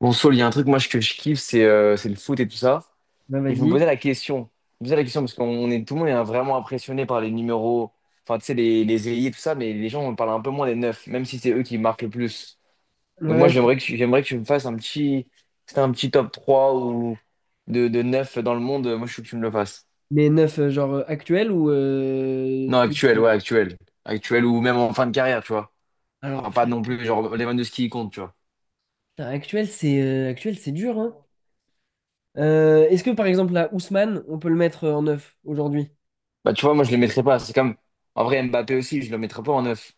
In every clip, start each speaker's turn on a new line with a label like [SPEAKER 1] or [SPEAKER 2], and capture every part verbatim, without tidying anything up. [SPEAKER 1] Bon, Saul, il y a un truc moi je- que je kiffe, c'est euh, c'est le foot et tout ça.
[SPEAKER 2] Ben,
[SPEAKER 1] Et je me
[SPEAKER 2] vas-y.
[SPEAKER 1] posais la question, je me posais la question parce qu'on est tout le monde est vraiment impressionné par les numéros, enfin tu sais les les ailiers tout ça, mais les gens on parle un peu moins des neufs, même si c'est eux qui marquent le plus. Donc moi
[SPEAKER 2] Ouais, je-
[SPEAKER 1] j'aimerais que tu- j'aimerais que tu me fasses un petit, c'était un petit top trois ou de de neuf dans le monde. Moi je veux que tu me le fasses.
[SPEAKER 2] mais neuf, euh, genre euh, actuel ou euh,
[SPEAKER 1] Non
[SPEAKER 2] tout le
[SPEAKER 1] actuel, ouais
[SPEAKER 2] temps?
[SPEAKER 1] actuel, actuel ou même en fin de carrière, tu vois. Enfin
[SPEAKER 2] Alors,
[SPEAKER 1] pas
[SPEAKER 2] frère,
[SPEAKER 1] non plus genre Lewandowski il compte, tu vois.
[SPEAKER 2] putain, actuel, c'est euh, actuel, c'est dur, hein. Euh, est-ce que par exemple là, Ousmane, on peut le mettre euh, en neuf aujourd'hui?
[SPEAKER 1] Bah tu vois moi je le mettrais pas. C'est comme en vrai Mbappé aussi, je le mettrais pas en neuf,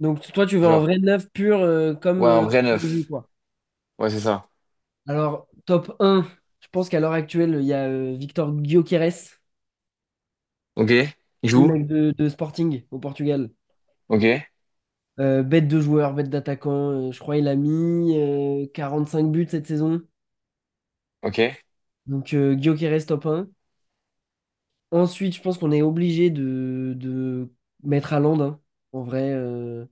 [SPEAKER 2] Donc toi, tu veux un
[SPEAKER 1] genre.
[SPEAKER 2] vrai neuf pur euh, comme
[SPEAKER 1] Ouais, un
[SPEAKER 2] euh,
[SPEAKER 1] vrai
[SPEAKER 2] dans le jeu,
[SPEAKER 1] neuf.
[SPEAKER 2] quoi.
[SPEAKER 1] Ouais, c'est ça.
[SPEAKER 2] Alors, top un, je pense qu'à l'heure actuelle, il y a euh, Victor Gyökeres, c'est
[SPEAKER 1] Ok. Il
[SPEAKER 2] le
[SPEAKER 1] joue.
[SPEAKER 2] mec de, de Sporting au Portugal.
[SPEAKER 1] Ok.
[SPEAKER 2] Euh, bête de joueur, bête d'attaquant, euh, je crois il a mis euh, cinq buts cette saison.
[SPEAKER 1] Ok.
[SPEAKER 2] Donc euh, Gyökeres top un. Ensuite, je pense qu'on est obligé de, de mettre à Landin. En vrai, euh,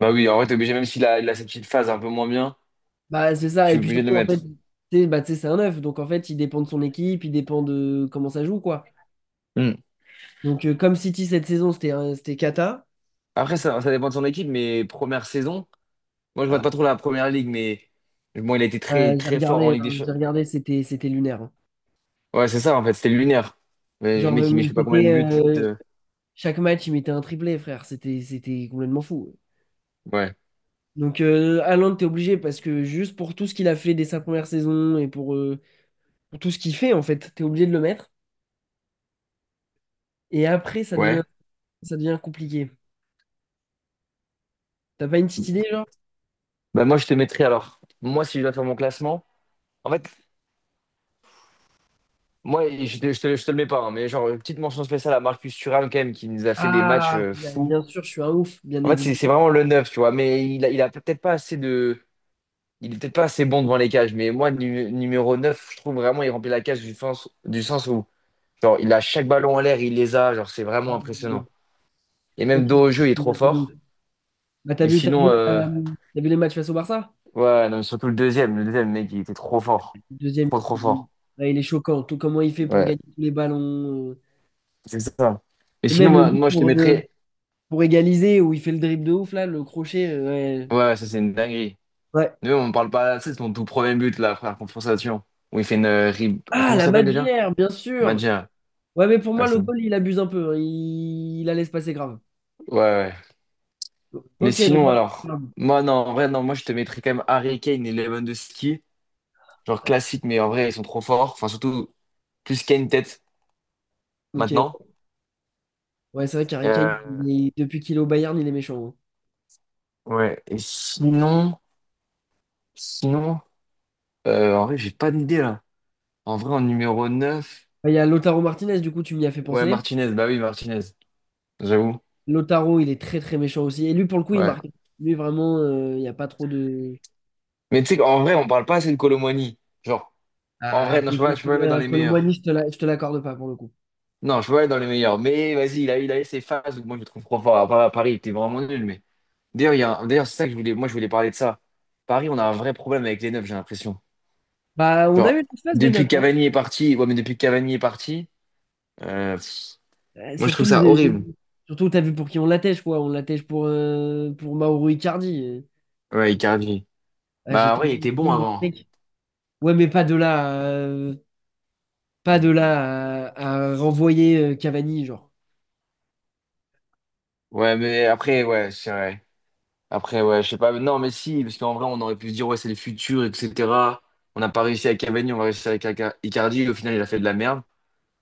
[SPEAKER 1] Bah oui, en vrai, t'es obligé, même s'il a, il a cette petite phase un peu moins bien,
[SPEAKER 2] bah, c'est ça.
[SPEAKER 1] tu
[SPEAKER 2] Et
[SPEAKER 1] es
[SPEAKER 2] puis
[SPEAKER 1] obligé de le
[SPEAKER 2] surtout, en fait,
[SPEAKER 1] mettre.
[SPEAKER 2] tu sais, bah, tu sais, c'est un neuf. Donc, en fait, il dépend de son équipe, il dépend de comment ça joue, quoi.
[SPEAKER 1] Hmm.
[SPEAKER 2] Donc, euh, comme City cette saison, c'était un- c'était cata.
[SPEAKER 1] Après, ça, ça dépend de son équipe, mais première saison, moi, je vois pas
[SPEAKER 2] Ah,
[SPEAKER 1] trop la première ligue, mais bon, il a été très,
[SPEAKER 2] ouais, j'ai
[SPEAKER 1] très fort en
[SPEAKER 2] regardé,
[SPEAKER 1] Ligue des
[SPEAKER 2] hein, j'ai
[SPEAKER 1] Champions.
[SPEAKER 2] regardé, c'était c'était lunaire, hein.
[SPEAKER 1] Ouais, c'est ça, en fait, c'était lunaire. Mais les
[SPEAKER 2] Genre,
[SPEAKER 1] mecs, ils mettent
[SPEAKER 2] le-
[SPEAKER 1] je sais pas combien
[SPEAKER 2] c'était
[SPEAKER 1] de buts.
[SPEAKER 2] euh,
[SPEAKER 1] euh,
[SPEAKER 2] chaque match, il mettait un triplé, frère. C'était c'était complètement fou.
[SPEAKER 1] Ouais.
[SPEAKER 2] Donc, euh, Haaland, t'es obligé parce que juste pour tout ce qu'il a fait dès sa première saison et pour, euh, pour tout ce qu'il fait, en fait, t'es obligé de le mettre. Et après, ça devient,
[SPEAKER 1] Ouais.
[SPEAKER 2] ça devient compliqué. T'as pas une petite idée, genre?
[SPEAKER 1] Bah, moi, je te mettrais alors. Moi, si je dois faire mon classement, en fait, moi, je te, je te, je te le mets pas, hein, mais genre, une petite mention spéciale à Marcus Thuram, quand même, qui nous a fait des matchs
[SPEAKER 2] Ah,
[SPEAKER 1] euh,
[SPEAKER 2] bah,
[SPEAKER 1] fous.
[SPEAKER 2] bien sûr, je suis un ouf, bien
[SPEAKER 1] En fait, c'est c'est
[SPEAKER 2] évidemment.
[SPEAKER 1] vraiment le neuf, tu vois. Mais il a, il a peut-être pas assez de. Il est peut-être pas assez bon devant les cages. Mais moi, nu- numéro neuf, je trouve vraiment il remplit la cage du sens, du sens où genre, il a chaque ballon en l'air, il les a. Genre, c'est vraiment
[SPEAKER 2] Euh,
[SPEAKER 1] impressionnant. Et
[SPEAKER 2] Ok,
[SPEAKER 1] même
[SPEAKER 2] je
[SPEAKER 1] dos au jeu, il est
[SPEAKER 2] suis
[SPEAKER 1] trop
[SPEAKER 2] un peu de ouf.
[SPEAKER 1] fort.
[SPEAKER 2] Bah, t'as
[SPEAKER 1] Mais
[SPEAKER 2] vu, t'as
[SPEAKER 1] sinon,
[SPEAKER 2] vu,
[SPEAKER 1] euh,
[SPEAKER 2] t'as vu les matchs face au Barça?
[SPEAKER 1] ouais, non, mais surtout le deuxième. Le deuxième, mec, il était trop
[SPEAKER 2] Le
[SPEAKER 1] fort.
[SPEAKER 2] deuxième,
[SPEAKER 1] Trop, trop
[SPEAKER 2] il,
[SPEAKER 1] fort.
[SPEAKER 2] ouais, il est choquant. Tout comment il fait pour
[SPEAKER 1] Ouais,
[SPEAKER 2] gagner tous les ballons. euh,
[SPEAKER 1] c'est ça. Mais
[SPEAKER 2] Et
[SPEAKER 1] sinon,
[SPEAKER 2] même le
[SPEAKER 1] moi,
[SPEAKER 2] but
[SPEAKER 1] moi, je te
[SPEAKER 2] pour, euh,
[SPEAKER 1] mettrais.
[SPEAKER 2] pour égaliser, où il fait le dribble de ouf, là, le crochet. euh,
[SPEAKER 1] Ouais, ça, c'est une dinguerie.
[SPEAKER 2] Ouais. Ouais.
[SPEAKER 1] Nous, on ne parle pas assez. C'est mon tout premier but, là, frère, contre Sion, où il fait une. euh, rib-
[SPEAKER 2] Ah,
[SPEAKER 1] Comment ça
[SPEAKER 2] la
[SPEAKER 1] s'appelle déjà?
[SPEAKER 2] Madgère, bien sûr.
[SPEAKER 1] Madja.
[SPEAKER 2] Ouais, mais pour moi, le goal, il abuse un peu, hein. Il, il la laisse passer grave.
[SPEAKER 1] Ouais, ouais. Mais
[SPEAKER 2] Ok, donc.
[SPEAKER 1] sinon,
[SPEAKER 2] Marc-
[SPEAKER 1] alors,
[SPEAKER 2] Ok,
[SPEAKER 1] moi, non, en vrai, non, moi, je te mettrais quand même Harry Kane et Lewandowski. Genre
[SPEAKER 2] ouais.
[SPEAKER 1] classique, mais en vrai, ils sont trop forts. Enfin, surtout, plus Kane tête
[SPEAKER 2] Ok,
[SPEAKER 1] maintenant.
[SPEAKER 2] ouais, c'est vrai qu'Harry Kane,
[SPEAKER 1] Euh,
[SPEAKER 2] il est- depuis qu'il est au Bayern, il est méchant, hein.
[SPEAKER 1] ouais. Et sinon, sinon, euh, en vrai, j'ai pas d'idée là. En vrai, en numéro neuf
[SPEAKER 2] Bah, il y a Lautaro Martinez, du coup, tu m'y as fait
[SPEAKER 1] ouais,
[SPEAKER 2] penser.
[SPEAKER 1] Martinez, bah oui, Martinez, j'avoue.
[SPEAKER 2] Lautaro, il est très très méchant aussi. Et lui, pour le coup, il
[SPEAKER 1] Ouais.
[SPEAKER 2] marque. Lui, vraiment, euh, il n'y a pas trop de.
[SPEAKER 1] Mais tu sais qu'en vrai, on parle pas assez de Kolo Muani. Genre, en
[SPEAKER 2] Ah,
[SPEAKER 1] vrai, non,
[SPEAKER 2] t'es
[SPEAKER 1] je peux pas,
[SPEAKER 2] dur
[SPEAKER 1] je peux pas
[SPEAKER 2] comme
[SPEAKER 1] le mettre dans
[SPEAKER 2] un
[SPEAKER 1] les meilleurs.
[SPEAKER 2] Colomboigny, je te la- je te l'accorde pas pour le coup.
[SPEAKER 1] Non, je peux pas le mettre dans les meilleurs. Mais vas-y, il a, il a eu ses phases où moi, je le trouve trop fort. À Paris, il était vraiment nul, mais. D'ailleurs, il y a un- D'ailleurs, c'est ça que je voulais, moi je voulais parler de ça. Paris, on a un vrai problème avec les neufs, j'ai l'impression.
[SPEAKER 2] Bah, on a eu
[SPEAKER 1] Genre,
[SPEAKER 2] une phase de
[SPEAKER 1] depuis
[SPEAKER 2] neuf.
[SPEAKER 1] que
[SPEAKER 2] Hein.
[SPEAKER 1] Cavani est parti, ouais, mais depuis que Cavani est parti, euh, pff,
[SPEAKER 2] Euh,
[SPEAKER 1] moi je
[SPEAKER 2] surtout,
[SPEAKER 1] trouve ça
[SPEAKER 2] les-
[SPEAKER 1] horrible.
[SPEAKER 2] Surtout t'as vu pour qui on l'attèche, quoi. On l'attèche pour, euh, pour Mauro Icardi.
[SPEAKER 1] Ouais, Icardi.
[SPEAKER 2] Ah, j'ai
[SPEAKER 1] Bah ouais,
[SPEAKER 2] tellement
[SPEAKER 1] il
[SPEAKER 2] eu une
[SPEAKER 1] était bon
[SPEAKER 2] scène de
[SPEAKER 1] avant.
[SPEAKER 2] steak. Ouais, mais pas de là. euh, Pas de
[SPEAKER 1] Mm.
[SPEAKER 2] là à, à renvoyer euh, Cavani, genre.
[SPEAKER 1] Ouais, mais après, ouais, c'est vrai. Après, ouais, je sais pas. Non, mais si, parce qu'en vrai, on aurait pu se dire, ouais, c'est le futur, et cetera. On n'a pas réussi avec Cavani, on va réussir avec Ica- Icardi. Au final, il a fait de la merde.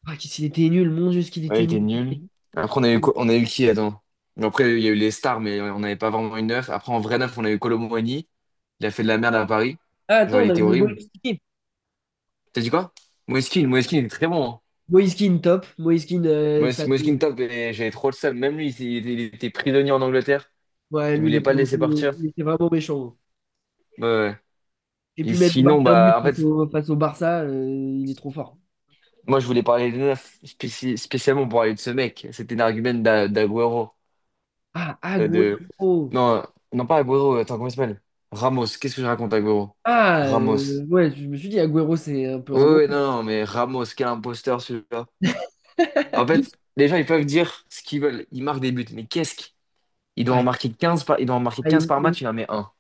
[SPEAKER 2] Ah, qu'est-ce qu'il était nul, mon Dieu, ce qu'il
[SPEAKER 1] Ouais, il
[SPEAKER 2] était nul.
[SPEAKER 1] était nul. Après, on a eu, quoi- on a eu qui, attends? Bon, après, il y a eu les stars, mais on n'avait pas vraiment une neuf. Après, en vrai neuf, on a eu Kolo Muani. Il a fait de la merde à Paris.
[SPEAKER 2] Ah,
[SPEAKER 1] Genre,
[SPEAKER 2] attends,
[SPEAKER 1] il
[SPEAKER 2] on a
[SPEAKER 1] était
[SPEAKER 2] le
[SPEAKER 1] horrible.
[SPEAKER 2] Moïskine.
[SPEAKER 1] T'as dit quoi? Moeskin, Moeskin, il est très bon, hein.
[SPEAKER 2] Moïskine, top. Moïskine, euh, ça...
[SPEAKER 1] Moes- Moeskin, top, et j'avais trop le seum. Même lui, il, était il était- il était prisonnier en Angleterre.
[SPEAKER 2] Ouais,
[SPEAKER 1] Il
[SPEAKER 2] lui, il est
[SPEAKER 1] voulait pas
[SPEAKER 2] pour
[SPEAKER 1] le
[SPEAKER 2] le
[SPEAKER 1] laisser
[SPEAKER 2] coup,
[SPEAKER 1] partir.
[SPEAKER 2] il était vraiment méchant.
[SPEAKER 1] Ouais, ouais.
[SPEAKER 2] Et
[SPEAKER 1] Et
[SPEAKER 2] puis même, il
[SPEAKER 1] sinon,
[SPEAKER 2] un but
[SPEAKER 1] bah, en fait,
[SPEAKER 2] face au, face au Barça, euh, il est trop fort.
[SPEAKER 1] moi, je voulais parler des neufs, spéci- spécialement pour parler de ce mec. C'était un argument d'A- d'Aguero.
[SPEAKER 2] Ah,
[SPEAKER 1] Euh, de...
[SPEAKER 2] Agüero.
[SPEAKER 1] Non, euh, non, pas Agüero. Attends, comment il s'appelle? Ramos. Qu'est-ce que je raconte, Agüero?
[SPEAKER 2] Ah, euh,
[SPEAKER 1] Ramos.
[SPEAKER 2] ouais, je me suis dit, Agüero, c'est un peu
[SPEAKER 1] Oui,
[SPEAKER 2] un nom.
[SPEAKER 1] oui, non, non, mais Ramos, quel imposteur celui-là. En fait, les gens, ils peuvent dire ce qu'ils veulent. Ils marquent des buts. Mais qu'est-ce qu'il doit en
[SPEAKER 2] Ah,
[SPEAKER 1] marquer quinze par... il doit en marquer
[SPEAKER 2] ah,
[SPEAKER 1] quinze
[SPEAKER 2] il-
[SPEAKER 1] par
[SPEAKER 2] il-
[SPEAKER 1] match, il en met un.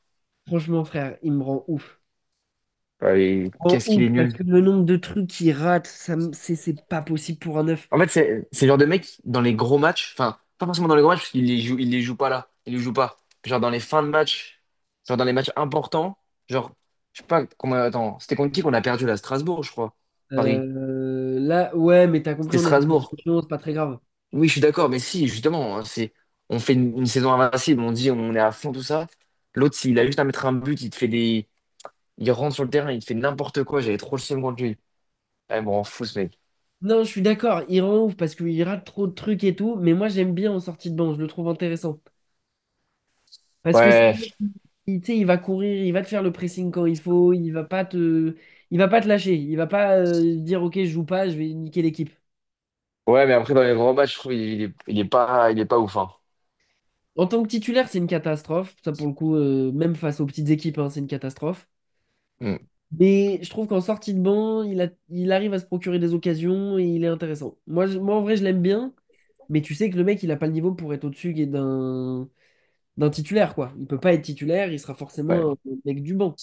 [SPEAKER 2] franchement, frère, il me rend ouf.
[SPEAKER 1] Allez,
[SPEAKER 2] Il me rend
[SPEAKER 1] qu'est-ce qu'il
[SPEAKER 2] ouf,
[SPEAKER 1] est
[SPEAKER 2] parce que
[SPEAKER 1] nul.
[SPEAKER 2] le nombre de trucs qu'il rate, ça, me- c'est c'est pas possible pour un neuf.
[SPEAKER 1] En fait, c'est c'est le genre de mec, dans les gros matchs, enfin, pas forcément dans les gros matchs, parce qu'il les joue, il les joue pas là. Il les joue pas. Genre dans les fins de match, genre dans les matchs importants, genre, je sais pas comment. Attends, c'était contre qui qu'on a perdu là? Strasbourg, je crois. Paris.
[SPEAKER 2] Euh, là, ouais, mais t'as compris,
[SPEAKER 1] C'était
[SPEAKER 2] on est
[SPEAKER 1] Strasbourg.
[SPEAKER 2] champion, c'est pas très grave.
[SPEAKER 1] Oui, je suis d'accord, mais si, justement, hein, c'est, on fait une, une saison invincible, on dit on est à fond, tout ça. L'autre, s'il a juste à mettre un but, il te fait des. Il rentre sur le terrain, il te fait n'importe quoi, j'avais trop le seum contre lui. Ouais, bon, on fout ce mec.
[SPEAKER 2] Non, je suis d'accord, il rend ouf parce qu'il rate trop de trucs et tout, mais moi, j'aime bien en sortie de banc, je le trouve intéressant. Parce que c'est un mec
[SPEAKER 1] Ouais,
[SPEAKER 2] qui- il, tu sais, il va courir, il va te faire le pressing quand il faut, il va pas te, il va pas te lâcher, il va pas euh, dire, ok, je joue pas, je vais niquer l'équipe.
[SPEAKER 1] ouais, mais après, dans les grands matchs, je trouve il, il est, il est pas, il est pas ouf, hein.
[SPEAKER 2] En tant que titulaire, c'est une catastrophe. Ça, pour le coup, euh, même face aux petites équipes, hein, c'est une catastrophe.
[SPEAKER 1] Hmm,
[SPEAKER 2] Mais je trouve qu'en sortie de banc, il a- il arrive à se procurer des occasions et il est intéressant. Moi, je- moi en vrai, je l'aime bien. Mais tu sais que le mec, il a pas le niveau pour être au-dessus et d'un d'un titulaire, quoi. Il peut pas être titulaire, il sera forcément un
[SPEAKER 1] ouais.
[SPEAKER 2] mec du banc.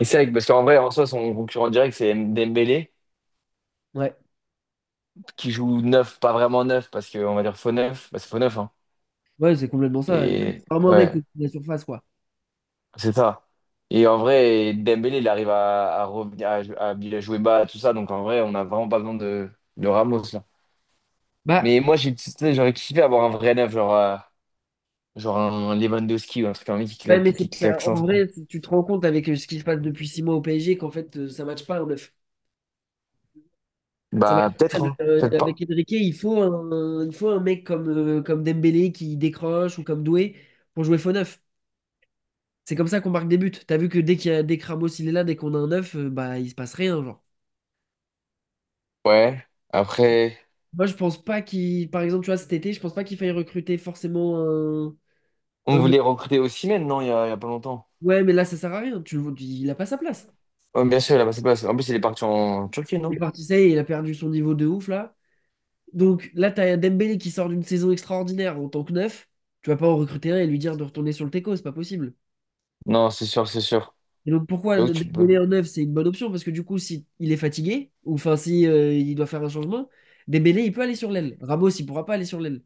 [SPEAKER 1] Et c'est vrai, que- parce qu'en vrai, en soi, son concurrent direct, c'est M- Dembélé,
[SPEAKER 2] Ouais,
[SPEAKER 1] qui joue neuf, pas vraiment neuf, parce qu'on va dire faux neuf, bah, c'est faux neuf, hein.
[SPEAKER 2] ouais, c'est complètement ça. C'est
[SPEAKER 1] Et
[SPEAKER 2] vraiment un mec
[SPEAKER 1] ouais,
[SPEAKER 2] au-dessus de la surface, quoi.
[SPEAKER 1] c'est ça. Et en vrai, Dembélé, il arrive à, à revenir, à, jou- à bien jouer bas, tout ça. Donc en vrai, on n'a vraiment pas besoin de, de Ramos, là.
[SPEAKER 2] Bah,
[SPEAKER 1] Mais moi, j'ai, tu sais, j'aurais kiffé avoir un vrai neuf, genre, euh, genre un Lewandowski ou un truc comme ça qui
[SPEAKER 2] ouais, mais
[SPEAKER 1] claque, qui
[SPEAKER 2] c'est
[SPEAKER 1] claque
[SPEAKER 2] ça,
[SPEAKER 1] sans.
[SPEAKER 2] en vrai, c'est- tu te rends compte avec euh, ce qui se passe depuis six mois au P S G qu'en fait, euh, ça matche pas un neuf. Ça marche
[SPEAKER 1] Bah,
[SPEAKER 2] pas,
[SPEAKER 1] peut-être, hein.
[SPEAKER 2] le-
[SPEAKER 1] Peut-être pas.
[SPEAKER 2] avec Enrique, il faut un, il faut un mec comme, euh, comme Dembélé qui décroche ou comme Doué pour jouer faux neuf. C'est comme ça qu'on marque des buts. T'as vu que dès qu'il y a, dès que Ramos il est là, dès qu'on a un neuf, euh, bah il se passe rien, genre.
[SPEAKER 1] Ouais. Après,
[SPEAKER 2] Moi je pense pas qu'il, par exemple, tu vois, cet été, je pense pas qu'il faille recruter forcément un,
[SPEAKER 1] on
[SPEAKER 2] un neuf.
[SPEAKER 1] voulait recruter Osimhen, non, il y a, il y a pas longtemps.
[SPEAKER 2] Ouais, mais là ça sert à rien. Tu, le vois, il a pas sa place.
[SPEAKER 1] Ouais, bien sûr, il a passé place. En plus, il est parti en Turquie,
[SPEAKER 2] Il
[SPEAKER 1] non?
[SPEAKER 2] est parti, ça y est, il a perdu son niveau de ouf là. Donc là, t'as Dembélé qui sort d'une saison extraordinaire en tant que neuf. Tu vas pas en recruter un et lui dire de retourner sur le teco, c'est pas possible.
[SPEAKER 1] Non, c'est sûr, c'est sûr.
[SPEAKER 2] Et donc pourquoi
[SPEAKER 1] C'est où
[SPEAKER 2] de- de-
[SPEAKER 1] tu peux.
[SPEAKER 2] Dembélé en neuf, c'est une bonne option parce que du coup, si il est fatigué ou enfin si euh, il doit faire un changement, Dembélé il peut aller sur l'aile. Ramos il pourra pas aller sur l'aile.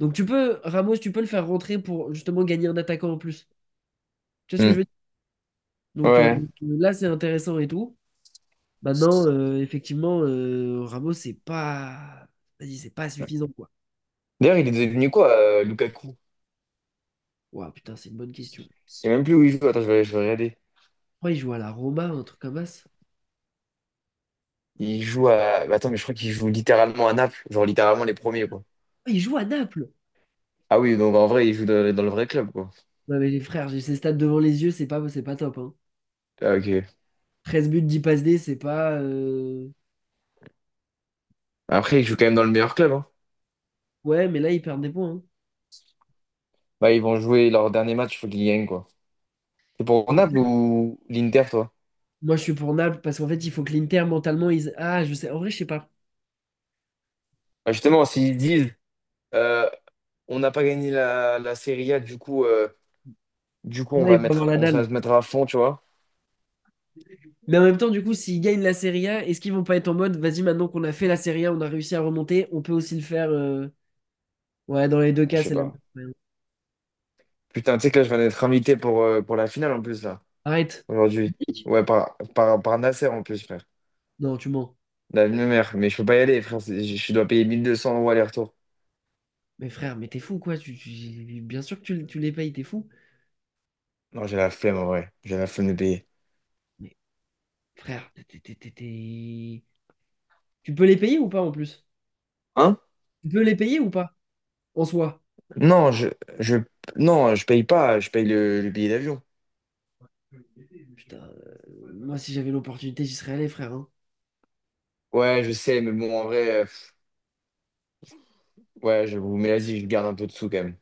[SPEAKER 2] Donc tu peux Ramos, tu peux le faire rentrer pour justement gagner un attaquant en plus. Tu vois ce que je
[SPEAKER 1] Hmm.
[SPEAKER 2] veux dire? Donc euh,
[SPEAKER 1] Ouais.
[SPEAKER 2] là c'est intéressant et tout. Maintenant euh, effectivement euh, Ramos c'est pas, vas-y, c'est pas suffisant quoi.
[SPEAKER 1] D'ailleurs, il est devenu quoi, euh, Lukaku?
[SPEAKER 2] Ouah putain, c'est une bonne question.
[SPEAKER 1] Je sais même plus où il joue. Attends, je vais, je vais regarder.
[SPEAKER 2] Pourquoi il joue à la Roma, un truc comme ça?
[SPEAKER 1] Il joue à. Bah, Attends, mais je crois qu'il joue littéralement à Naples, genre littéralement les premiers, quoi.
[SPEAKER 2] Ah, il joue à Naples.
[SPEAKER 1] Ah oui, donc en vrai, il joue dans, dans le vrai club, quoi.
[SPEAKER 2] Non mais les frères, j'ai ces stats devant les yeux, c'est pas c'est pas top hein.
[SPEAKER 1] Ah, ok.
[SPEAKER 2] Treize buts, dix passes D, c'est pas. euh,
[SPEAKER 1] Après, il joue quand même dans le meilleur club, hein.
[SPEAKER 2] Ouais, mais là, ils perdent des points, hein.
[SPEAKER 1] Bah, ils vont jouer leur dernier match, il faut qu'ils gagnent, quoi. C'est pour Naples ou l'Inter, toi?
[SPEAKER 2] Moi, je suis pour Naples parce qu'en fait, il faut que l'Inter mentalement. Ils... Ah, je sais. En vrai, je sais pas.
[SPEAKER 1] Bah, justement, s'ils disent euh, on n'a pas gagné la, la Serie A, du coup, euh, du coup, on
[SPEAKER 2] Ouais,
[SPEAKER 1] va
[SPEAKER 2] il faut
[SPEAKER 1] mettre,
[SPEAKER 2] avoir la
[SPEAKER 1] on va
[SPEAKER 2] dalle.
[SPEAKER 1] se mettre à fond, tu vois.
[SPEAKER 2] Mais en même temps, du coup, s'ils gagnent la Serie A, est-ce qu'ils vont pas être en mode, vas-y, maintenant qu'on a fait la Serie A, on a réussi à remonter, on peut aussi le faire. euh, Ouais, dans les deux
[SPEAKER 1] Je
[SPEAKER 2] cas,
[SPEAKER 1] sais
[SPEAKER 2] c'est la
[SPEAKER 1] pas.
[SPEAKER 2] même.
[SPEAKER 1] Putain, tu sais que là, je viens d'être invité pour, euh, pour la finale en plus, là,
[SPEAKER 2] Arrête.
[SPEAKER 1] aujourd'hui. Ouais, par, par, par Nasser en plus, frère.
[SPEAKER 2] Non, tu mens.
[SPEAKER 1] La même mère, mais je peux pas y aller, frère. c'est- Je je dois payer mille deux cents euros aller-retour.
[SPEAKER 2] Mais frère, mais t'es fou, quoi. Tu, tu- Bien sûr que tu, tu les payes, t'es fou.
[SPEAKER 1] Non, j'ai la flemme en vrai. J'ai la flemme de payer.
[SPEAKER 2] Mais frère, t'es- t'es- t'es- t'es- tu peux les payer ou pas en plus?
[SPEAKER 1] Hein?
[SPEAKER 2] Tu peux les payer ou pas en soi?
[SPEAKER 1] Non, je, je, non, je paye pas. Je paye le, le billet d'avion.
[SPEAKER 2] Putain, euh, moi, si j'avais l'opportunité, j'y serais allé, frère, hein.
[SPEAKER 1] Ouais, je sais, mais bon, en vrai, euh, pff, ouais, je vous mets vas-y, je garde un peu de sous quand même.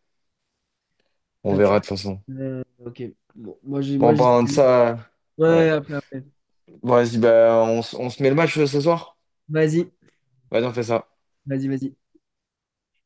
[SPEAKER 1] On
[SPEAKER 2] T'as tu.
[SPEAKER 1] verra de toute façon.
[SPEAKER 2] Euh, ok. Bon, moi, j'ai,
[SPEAKER 1] Bon,
[SPEAKER 2] moi,
[SPEAKER 1] en
[SPEAKER 2] j'y serais
[SPEAKER 1] parlant de
[SPEAKER 2] allé.
[SPEAKER 1] ça, euh,
[SPEAKER 2] Ouais,
[SPEAKER 1] ouais.
[SPEAKER 2] après, après.
[SPEAKER 1] Bon, vas-y, bah, on, s- on se met le match euh, ce soir?
[SPEAKER 2] Vas-y,
[SPEAKER 1] Vas-y, on fait ça.
[SPEAKER 2] vas-y, vas-y.